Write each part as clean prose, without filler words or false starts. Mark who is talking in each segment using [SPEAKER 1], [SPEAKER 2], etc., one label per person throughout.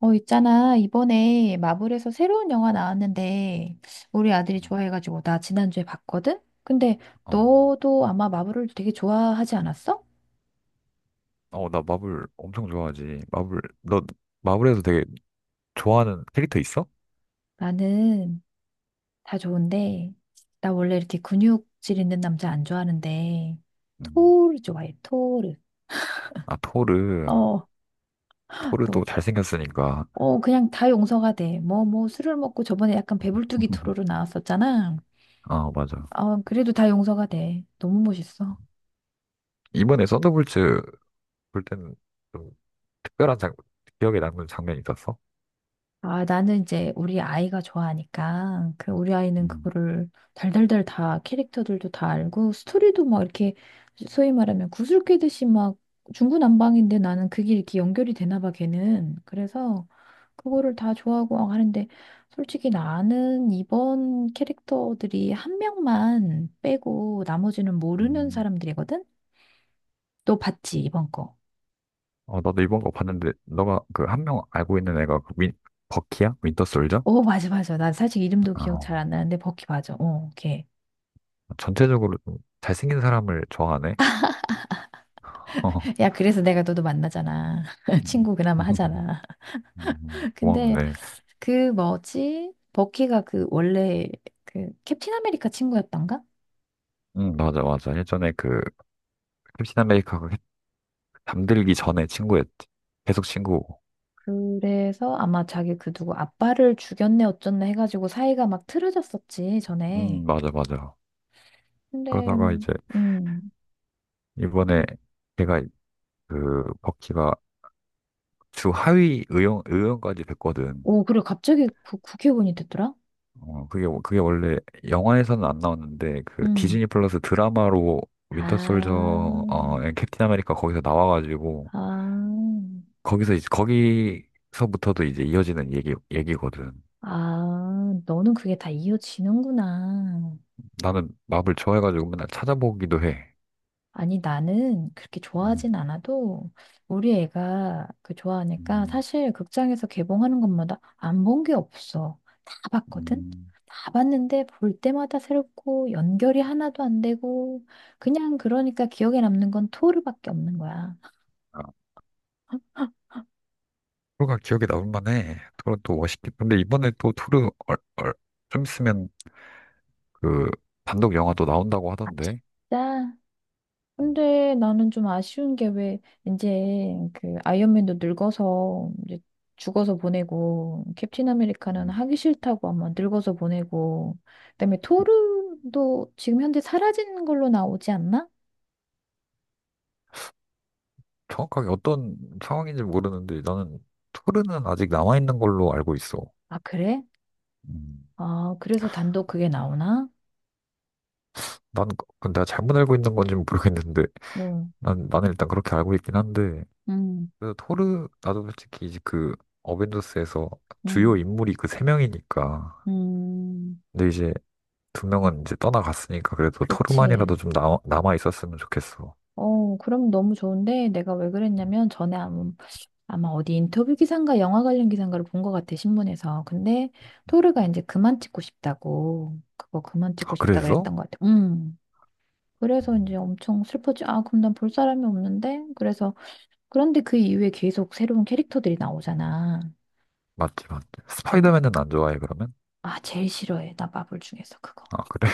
[SPEAKER 1] 있잖아. 이번에 마블에서 새로운 영화 나왔는데, 우리 아들이
[SPEAKER 2] 음,
[SPEAKER 1] 좋아해가지고, 나 지난주에 봤거든? 근데
[SPEAKER 2] 어,
[SPEAKER 1] 너도 아마 마블을 되게 좋아하지 않았어?
[SPEAKER 2] 어, 나 마블 엄청 좋아하지. 마블, 너 마블에서 되게 좋아하는 캐릭터 있어?
[SPEAKER 1] 나는 다 좋은데, 나 원래 이렇게 근육질 있는 남자 안 좋아하는데,
[SPEAKER 2] 음,
[SPEAKER 1] 토르 좋아해, 토르.
[SPEAKER 2] 아, 토르.
[SPEAKER 1] 어,
[SPEAKER 2] 토르도
[SPEAKER 1] 또.
[SPEAKER 2] 잘생겼으니까.
[SPEAKER 1] 그냥 다 용서가 돼. 술을 먹고 저번에 약간 배불뚝이 토르로 나왔었잖아.
[SPEAKER 2] 아, 맞아.
[SPEAKER 1] 그래도 다 용서가 돼. 너무 멋있어.
[SPEAKER 2] 이번에 썬더볼츠 볼 때는 좀 특별한 기억에 남는 장면이 있었어?
[SPEAKER 1] 아, 나는 이제 우리 아이가 좋아하니까, 그 우리 아이는
[SPEAKER 2] 음,
[SPEAKER 1] 그거를 달달달 다 캐릭터들도 다 알고, 스토리도 막 이렇게 소위 말하면 구슬 꿰듯이 막 중구난방인데 나는 그게 이렇게 연결이 되나 봐, 걔는. 그래서 그거를 다 좋아하고 막 하는데, 솔직히 나는 이번 캐릭터들이 한 명만 빼고 나머지는 모르는
[SPEAKER 2] 음.
[SPEAKER 1] 사람들이거든? 너 봤지, 이번 거.
[SPEAKER 2] 어, 나도 이번 거 봤는데, 너가 그 한 명 알고 있는 애가 그 버키야? 윈터 솔저?
[SPEAKER 1] 어, 맞아, 맞아. 나 사실 이름도 기억
[SPEAKER 2] 어,
[SPEAKER 1] 잘 안 나는데, 버키 맞아. 어, 걔.
[SPEAKER 2] 전체적으로 좀 잘생긴 사람을 좋아하네. 어.
[SPEAKER 1] 야, 그래서 내가 너도 만나잖아.
[SPEAKER 2] 음.
[SPEAKER 1] 친구 그나마 하잖아. 근데
[SPEAKER 2] 고맙네.
[SPEAKER 1] 그 뭐지? 버키가 그 원래 그 캡틴 아메리카 친구였던가?
[SPEAKER 2] 응, 맞아, 맞아. 예전에 그 캡틴 아메리카가 잠들기 전에 친구였지. 계속 친구고.
[SPEAKER 1] 그래서 아마 자기 그 누구 아빠를 죽였네 어쩌네 해가지고 사이가 막 틀어졌었지, 전에.
[SPEAKER 2] 맞아, 맞아.
[SPEAKER 1] 근데,
[SPEAKER 2] 그러다가 이제
[SPEAKER 1] 음.
[SPEAKER 2] 이번에 걔가 그 버키가 주 하위 의원 의원까지 됐거든.
[SPEAKER 1] 오, 그래, 갑자기 국회의원이 됐더라?
[SPEAKER 2] 어, 그게 원래 영화에서는 안 나왔는데 그
[SPEAKER 1] 음.
[SPEAKER 2] 디즈니 플러스 드라마로
[SPEAKER 1] 아,
[SPEAKER 2] 윈터 솔저 캡틴 아메리카 거기서 나와가지고
[SPEAKER 1] 아,
[SPEAKER 2] 거기서 이제 거기서부터도 이제 이어지는 얘기거든.
[SPEAKER 1] 아, 너는 그게 다 이어지는구나.
[SPEAKER 2] 나는 마블 좋아해가지고 맨날 찾아보기도 해.
[SPEAKER 1] 아니, 나는 그렇게
[SPEAKER 2] 음.
[SPEAKER 1] 좋아하진 않아도 우리 애가 그 좋아하니까
[SPEAKER 2] 음.
[SPEAKER 1] 사실 극장에서 개봉하는 것마다 안 본 게 없어. 다 봤거든?
[SPEAKER 2] 음.
[SPEAKER 1] 다 봤는데 볼 때마다 새롭고 연결이 하나도 안 되고 그냥 그러니까 기억에 남는 건 토르밖에 없는 거야.
[SPEAKER 2] 아, 토르가 기억에 남을 만해. 토르 또 멋있게. 근데 이번에 또 토르 좀 있으면 그 단독 영화도 나온다고
[SPEAKER 1] 아,
[SPEAKER 2] 하던데.
[SPEAKER 1] 진짜?
[SPEAKER 2] 음,
[SPEAKER 1] 근데 나는 좀 아쉬운 게 왜 이제 그 아이언맨도 늙어서 이제 죽어서 보내고 캡틴 아메리카는
[SPEAKER 2] 음.
[SPEAKER 1] 하기 싫다고 아마 늙어서 보내고 그다음에 토르도 지금 현재 사라진 걸로 나오지 않나?
[SPEAKER 2] 정확하게 어떤 상황인지 모르는데 나는 토르는 아직 남아있는 걸로 알고 있어.
[SPEAKER 1] 아 그래?
[SPEAKER 2] 음.
[SPEAKER 1] 아 그래서 단독 그게 나오나?
[SPEAKER 2] 난 그건 내가 잘못 알고 있는 건지 모르겠는데
[SPEAKER 1] 어,
[SPEAKER 2] 난 나는 일단 그렇게 알고 있긴 한데
[SPEAKER 1] 음,
[SPEAKER 2] 그래서 토르 나도 솔직히 이제 그 어벤져스에서 주요
[SPEAKER 1] 음,
[SPEAKER 2] 인물이 그 세 명이니까
[SPEAKER 1] 음,
[SPEAKER 2] 근데 이제 두 명은 이제 떠나갔으니까 그래도
[SPEAKER 1] 그치.
[SPEAKER 2] 토르만이라도 좀 남아 있었으면 좋겠어.
[SPEAKER 1] 어, 그럼 너무 좋은데 내가 왜 그랬냐면 전에 아마 어디 인터뷰 기사인가 영화 관련 기사인가를 본 것 같아, 신문에서. 근데 토르가 이제 그만 찍고 싶다고, 그거 그만
[SPEAKER 2] 아,
[SPEAKER 1] 찍고 싶다
[SPEAKER 2] 그래서?
[SPEAKER 1] 그랬던 것 같아. 음. 그래서 이제
[SPEAKER 2] 음,
[SPEAKER 1] 엄청 슬퍼지. 아, 그럼 난 볼 사람이 없는데? 그래서, 그런데 그 이후에 계속 새로운 캐릭터들이 나오잖아.
[SPEAKER 2] 맞지, 맞지.
[SPEAKER 1] 근,
[SPEAKER 2] 스파이더맨은 안 좋아해, 그러면?
[SPEAKER 1] 아, 제일 싫어해. 나 마블 중에서 그거.
[SPEAKER 2] 아, 그래?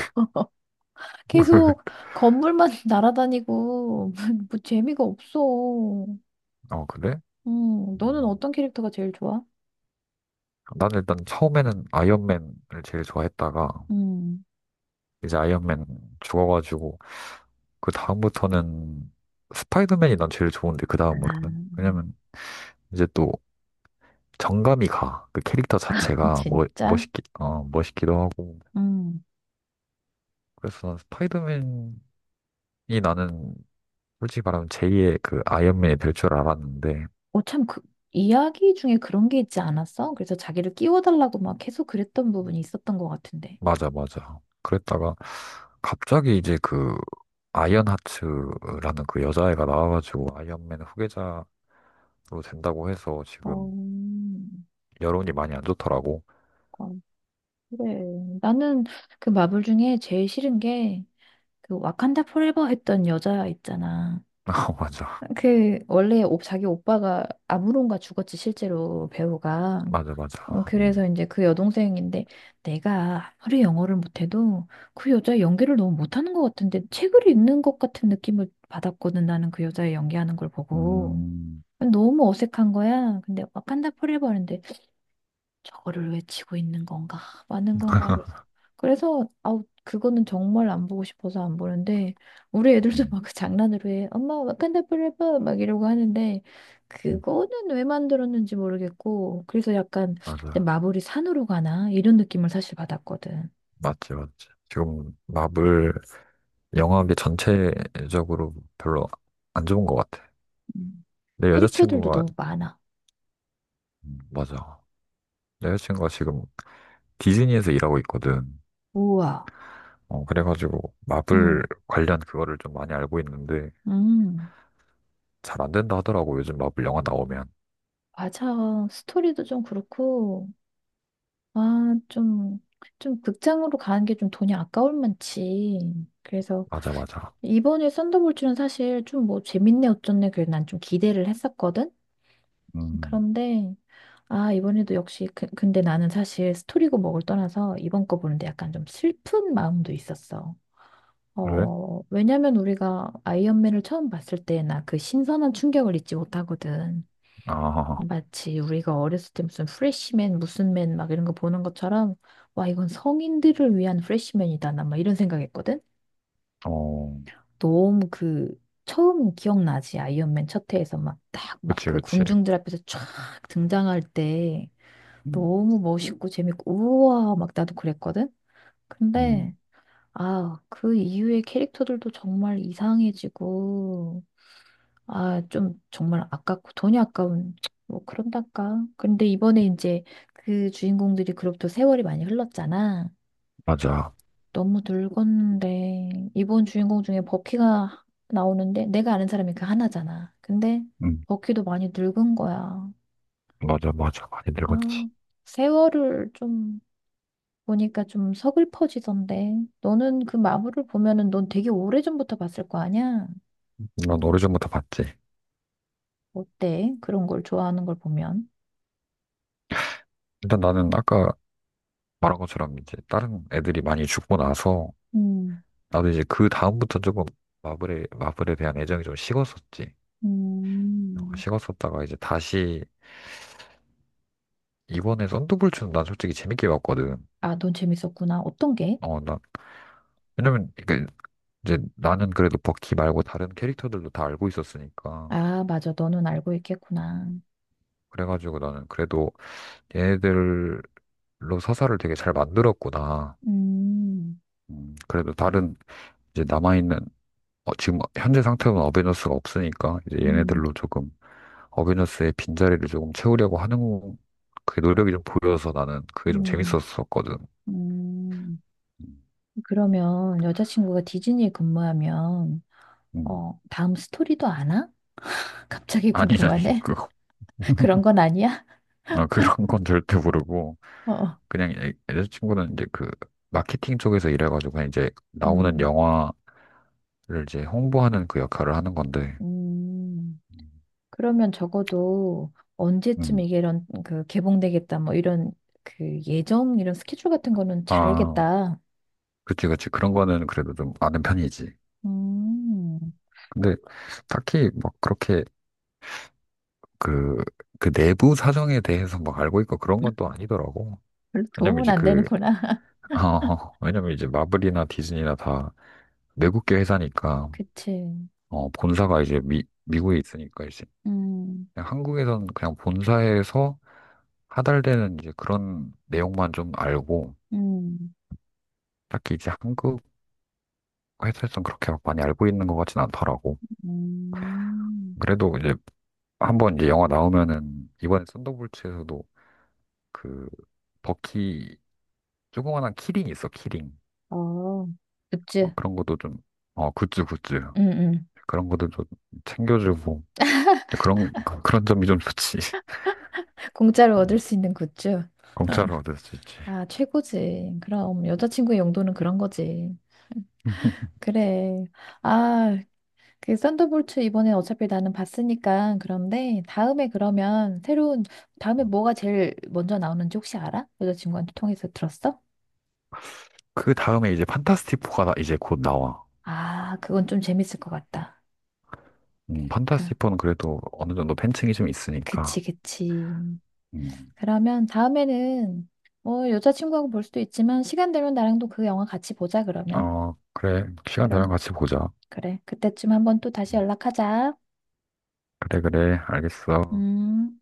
[SPEAKER 1] 계속 건물만 날아다니고, 뭐 재미가 없어.
[SPEAKER 2] 어, 그래?
[SPEAKER 1] 너는
[SPEAKER 2] 음,
[SPEAKER 1] 어떤 캐릭터가 제일 좋아?
[SPEAKER 2] 난 일단 처음에는 아이언맨을 제일 좋아했다가,
[SPEAKER 1] 음.
[SPEAKER 2] 이제 아이언맨 죽어가지고, 그 다음부터는 스파이더맨이 난 제일 좋은데, 그
[SPEAKER 1] 아,
[SPEAKER 2] 다음으로는? 왜냐면, 이제 또 정감이 가. 그 캐릭터 자체가
[SPEAKER 1] 진짜?
[SPEAKER 2] 멋있기, 멋있기도 하고.
[SPEAKER 1] 음.
[SPEAKER 2] 그래서 난 스파이더맨이 나는 솔직히 말하면 제2의 그 아이언맨이 될 줄 알았는데,
[SPEAKER 1] 어, 참, 그, 이야기 중에 그런 게 있지 않았어? 그래서 자기를 끼워달라고 막 계속 그랬던 부분이 있었던 것 같은데.
[SPEAKER 2] 맞아, 맞아. 그랬다가 갑자기 이제 그 아이언하츠라는 그 여자애가 나와가지고 아이언맨 후계자로 된다고 해서
[SPEAKER 1] 어,
[SPEAKER 2] 지금 여론이 많이 안 좋더라고.
[SPEAKER 1] 아, 그래. 나는 그 마블 중에 제일 싫은 게 그 와칸다 포레버 했던 여자 있잖아.
[SPEAKER 2] 어, 맞아,
[SPEAKER 1] 그 원래 자기 오빠가 아무론가 죽었지 실제로 배우가.
[SPEAKER 2] 맞아, 맞아.
[SPEAKER 1] 어, 그래서
[SPEAKER 2] 음.
[SPEAKER 1] 이제 그 여동생인데 내가 아무리 영어를 못해도 그 여자 연기를 너무 못하는 것 같은데 책을 읽는 것 같은 느낌을 받았거든 나는 그 여자의 연기하는 걸 보고
[SPEAKER 2] 음.
[SPEAKER 1] 너무 어색한 거야. 근데 와칸다 포레버인데 저거를 외치고 있는 건가? 맞는 건가? 그래서 아우 그거는 정말 안 보고 싶어서 안 보는데 우리 애들도
[SPEAKER 2] 음.
[SPEAKER 1] 막 그 장난으로 해. 엄마 와칸다 f 레버 막 이러고 하는데
[SPEAKER 2] 음.
[SPEAKER 1] 그거는 왜 만들었는지 모르겠고 그래서 약간 근데
[SPEAKER 2] 맞아,
[SPEAKER 1] 마블이 산으로 가나 이런 느낌을 사실 받았거든.
[SPEAKER 2] 맞지, 맞지. 지금 마블 영화계 전체적으로 별로 안 좋은 것 같아.
[SPEAKER 1] 음.
[SPEAKER 2] 내
[SPEAKER 1] 캐릭터들도
[SPEAKER 2] 여자친구가
[SPEAKER 1] 너무 많아.
[SPEAKER 2] 맞아. 내 여자친구가 지금 디즈니에서 일하고 있거든.
[SPEAKER 1] 우와.
[SPEAKER 2] 어, 그래가지고 마블
[SPEAKER 1] 음.
[SPEAKER 2] 관련 그거를 좀 많이 알고 있는데
[SPEAKER 1] 음.
[SPEAKER 2] 잘 안 된다 하더라고. 요즘 마블 영화 나오면.
[SPEAKER 1] 맞아. 스토리도 좀 그렇고 아, 좀, 좀 극장으로 가는 게 좀 돈이 아까울 만치. 그래서
[SPEAKER 2] 맞아, 맞아.
[SPEAKER 1] 이번에 썬더볼츠는 사실 좀 뭐 재밌네 어쩌네 그래 난 좀 기대를 했었거든.
[SPEAKER 2] 음,
[SPEAKER 1] 그런데 아, 이번에도 역시 그, 근데 나는 사실 스토리고 뭐를 떠나서 이번 거 보는데 약간 좀 슬픈 마음도 있었어.
[SPEAKER 2] 왜?
[SPEAKER 1] 어, 왜냐면 우리가 아이언맨을 처음 봤을 때 나 그 신선한 충격을 잊지 못하거든.
[SPEAKER 2] 아,
[SPEAKER 1] 마치 우리가 어렸을 때 무슨 프레시맨 무슨 맨 막 이런 거 보는 것처럼 와 이건 성인들을 위한 프레시맨이다 나 막 이런 생각했거든.
[SPEAKER 2] 어,
[SPEAKER 1] 너무 그 처음 기억나지 아이언맨 첫 회에서 막 딱 막
[SPEAKER 2] 그치,
[SPEAKER 1] 그
[SPEAKER 2] 그치.
[SPEAKER 1] 군중들 앞에서 촥 등장할 때
[SPEAKER 2] 음,
[SPEAKER 1] 너무 멋있고 재밌고 우와 막 나도 그랬거든. 근데
[SPEAKER 2] 음,
[SPEAKER 1] 아 그 이후의 캐릭터들도 정말 이상해지고 아, 좀 정말 아깝고 돈이 아까운 뭐 그런달까. 근데 이번에 이제 그 주인공들이 그로부터 세월이 많이 흘렀잖아.
[SPEAKER 2] 맞아.
[SPEAKER 1] 너무 늙었는데 이번 주인공 중에 버키가 나오는데 내가 아는 사람이 그 하나잖아. 근데
[SPEAKER 2] 음,
[SPEAKER 1] 버키도 많이 늙은 거야.
[SPEAKER 2] 맞아, 맞아. 많이
[SPEAKER 1] 아,
[SPEAKER 2] 늙었지.
[SPEAKER 1] 세월을 좀 보니까 좀 서글퍼지던데. 너는 그 마블을 보면은 넌 되게 오래전부터 봤을 거 아니야?
[SPEAKER 2] 난 오래전부터 봤지.
[SPEAKER 1] 어때? 그런 걸 좋아하는 걸 보면.
[SPEAKER 2] 일단 나는 아까 말한 것처럼 이제 다른 애들이 많이 죽고 나서
[SPEAKER 1] 음,
[SPEAKER 2] 나도 이제 그 다음부터 조금 마블에 대한 애정이 좀 식었었지. 어,
[SPEAKER 1] 음.
[SPEAKER 2] 식었었다가 이제 다시 이번에 썬더볼츠는 난 솔직히 재밌게 봤거든.
[SPEAKER 1] 아, 넌 재밌었구나. 어떤 게?
[SPEAKER 2] 어, 왜냐면, 이게 이제 나는 그래도 버키 말고 다른 캐릭터들도 다 알고 있었으니까.
[SPEAKER 1] 아, 맞아. 너는 알고 있겠구나.
[SPEAKER 2] 그래가지고 나는 그래도 얘네들로 서사를 되게 잘 만들었구나.
[SPEAKER 1] 음,
[SPEAKER 2] 그래도 다른 이제 남아있는, 지금 현재 상태로는 어벤져스가 없으니까 이제
[SPEAKER 1] 음,
[SPEAKER 2] 얘네들로 조금 어벤져스의 빈자리를 조금 채우려고 하는 그 노력이 좀 보여서 나는 그게 좀
[SPEAKER 1] 음,
[SPEAKER 2] 재밌었었거든.
[SPEAKER 1] 음.
[SPEAKER 2] 음.
[SPEAKER 1] 그러면 여자친구가 디즈니에 근무하면,
[SPEAKER 2] 음.
[SPEAKER 1] 어, 다음 스토리도 아나? 갑자기
[SPEAKER 2] 아니, 아니,
[SPEAKER 1] 궁금하네.
[SPEAKER 2] 그거.
[SPEAKER 1] 그런 건 아니야?
[SPEAKER 2] 아, 그런 건 절대 모르고,
[SPEAKER 1] 어, 어.
[SPEAKER 2] 그냥 여자친구는 이제 그 마케팅 쪽에서 일해가지고, 그냥 이제 나오는
[SPEAKER 1] 음,
[SPEAKER 2] 영화를 이제 홍보하는 그 역할을 하는 건데,
[SPEAKER 1] 음.
[SPEAKER 2] 음.
[SPEAKER 1] 그러면 적어도 언제쯤
[SPEAKER 2] 음.
[SPEAKER 1] 이게 이런, 그, 개봉되겠다, 뭐, 이런, 그, 예정, 이런 스케줄 같은 거는 잘
[SPEAKER 2] 아,
[SPEAKER 1] 알겠다.
[SPEAKER 2] 그치, 그치. 그런 거는 그래도 좀 아는 편이지.
[SPEAKER 1] 음,
[SPEAKER 2] 근데 딱히 막 그렇게 그, 그 내부 사정에 대해서 막 알고 있고 그런 건 또 아니더라고.
[SPEAKER 1] 별로
[SPEAKER 2] 왜냐면
[SPEAKER 1] 도움은
[SPEAKER 2] 이제
[SPEAKER 1] 안
[SPEAKER 2] 그,
[SPEAKER 1] 되는구나.
[SPEAKER 2] 왜냐면 이제 마블이나 디즈니나 다 외국계 회사니까,
[SPEAKER 1] 그치.
[SPEAKER 2] 어, 본사가 이제 미, 미국에 있으니까
[SPEAKER 1] 음,
[SPEAKER 2] 그냥 한국에서는 그냥 본사에서 하달되는 이제 그런 내용만 좀 알고
[SPEAKER 1] 음,
[SPEAKER 2] 딱히 이제 한국 회사에서는 그렇게 막 많이 알고 있는 것 같진 않더라고.
[SPEAKER 1] 음.
[SPEAKER 2] 그래도 이제 한번 이제 영화 나오면은 이번에 썬더볼츠에서도 그 버키 조그만한 키링 있어 키링.
[SPEAKER 1] 어,
[SPEAKER 2] 어,
[SPEAKER 1] 굿즈.
[SPEAKER 2] 그런 것도 좀 굿즈 굿즈
[SPEAKER 1] 음, 음.
[SPEAKER 2] 그런 것도 좀 챙겨주고 그런 그런 점이 좀 좋지.
[SPEAKER 1] 공짜로 얻을
[SPEAKER 2] 음,
[SPEAKER 1] 수 있는 굿즈.
[SPEAKER 2] 공짜로 얻을 수 있지.
[SPEAKER 1] 아, 최고지. 그럼 여자친구의 용도는 그런 거지. 그래. 아, 그 썬더볼트 이번에 어차피 나는 봤으니까 그런데 다음에 그러면 새로운 다음에 뭐가 제일 먼저 나오는지 혹시 알아? 여자친구한테 통해서 들었어?
[SPEAKER 2] 그 다음에 이제 판타스틱 4가 이제 곧 나와.
[SPEAKER 1] 아, 그건 좀 재밌을 것 같다. 그,
[SPEAKER 2] 판타스티포는 그래도 어느 정도 팬층이 좀 있으니까.
[SPEAKER 1] 그치, 그치.
[SPEAKER 2] 음,
[SPEAKER 1] 그러면 다음에는 뭐 여자친구하고 볼 수도 있지만 시간 되면 나랑도 그 영화 같이 보자 그러면.
[SPEAKER 2] 어, 그래. 시간 되면
[SPEAKER 1] 그럼
[SPEAKER 2] 같이 보자.
[SPEAKER 1] 그래. 그때쯤 한번 또 다시
[SPEAKER 2] 음,
[SPEAKER 1] 연락하자.
[SPEAKER 2] 그래, 그래. 알겠어.
[SPEAKER 1] 음.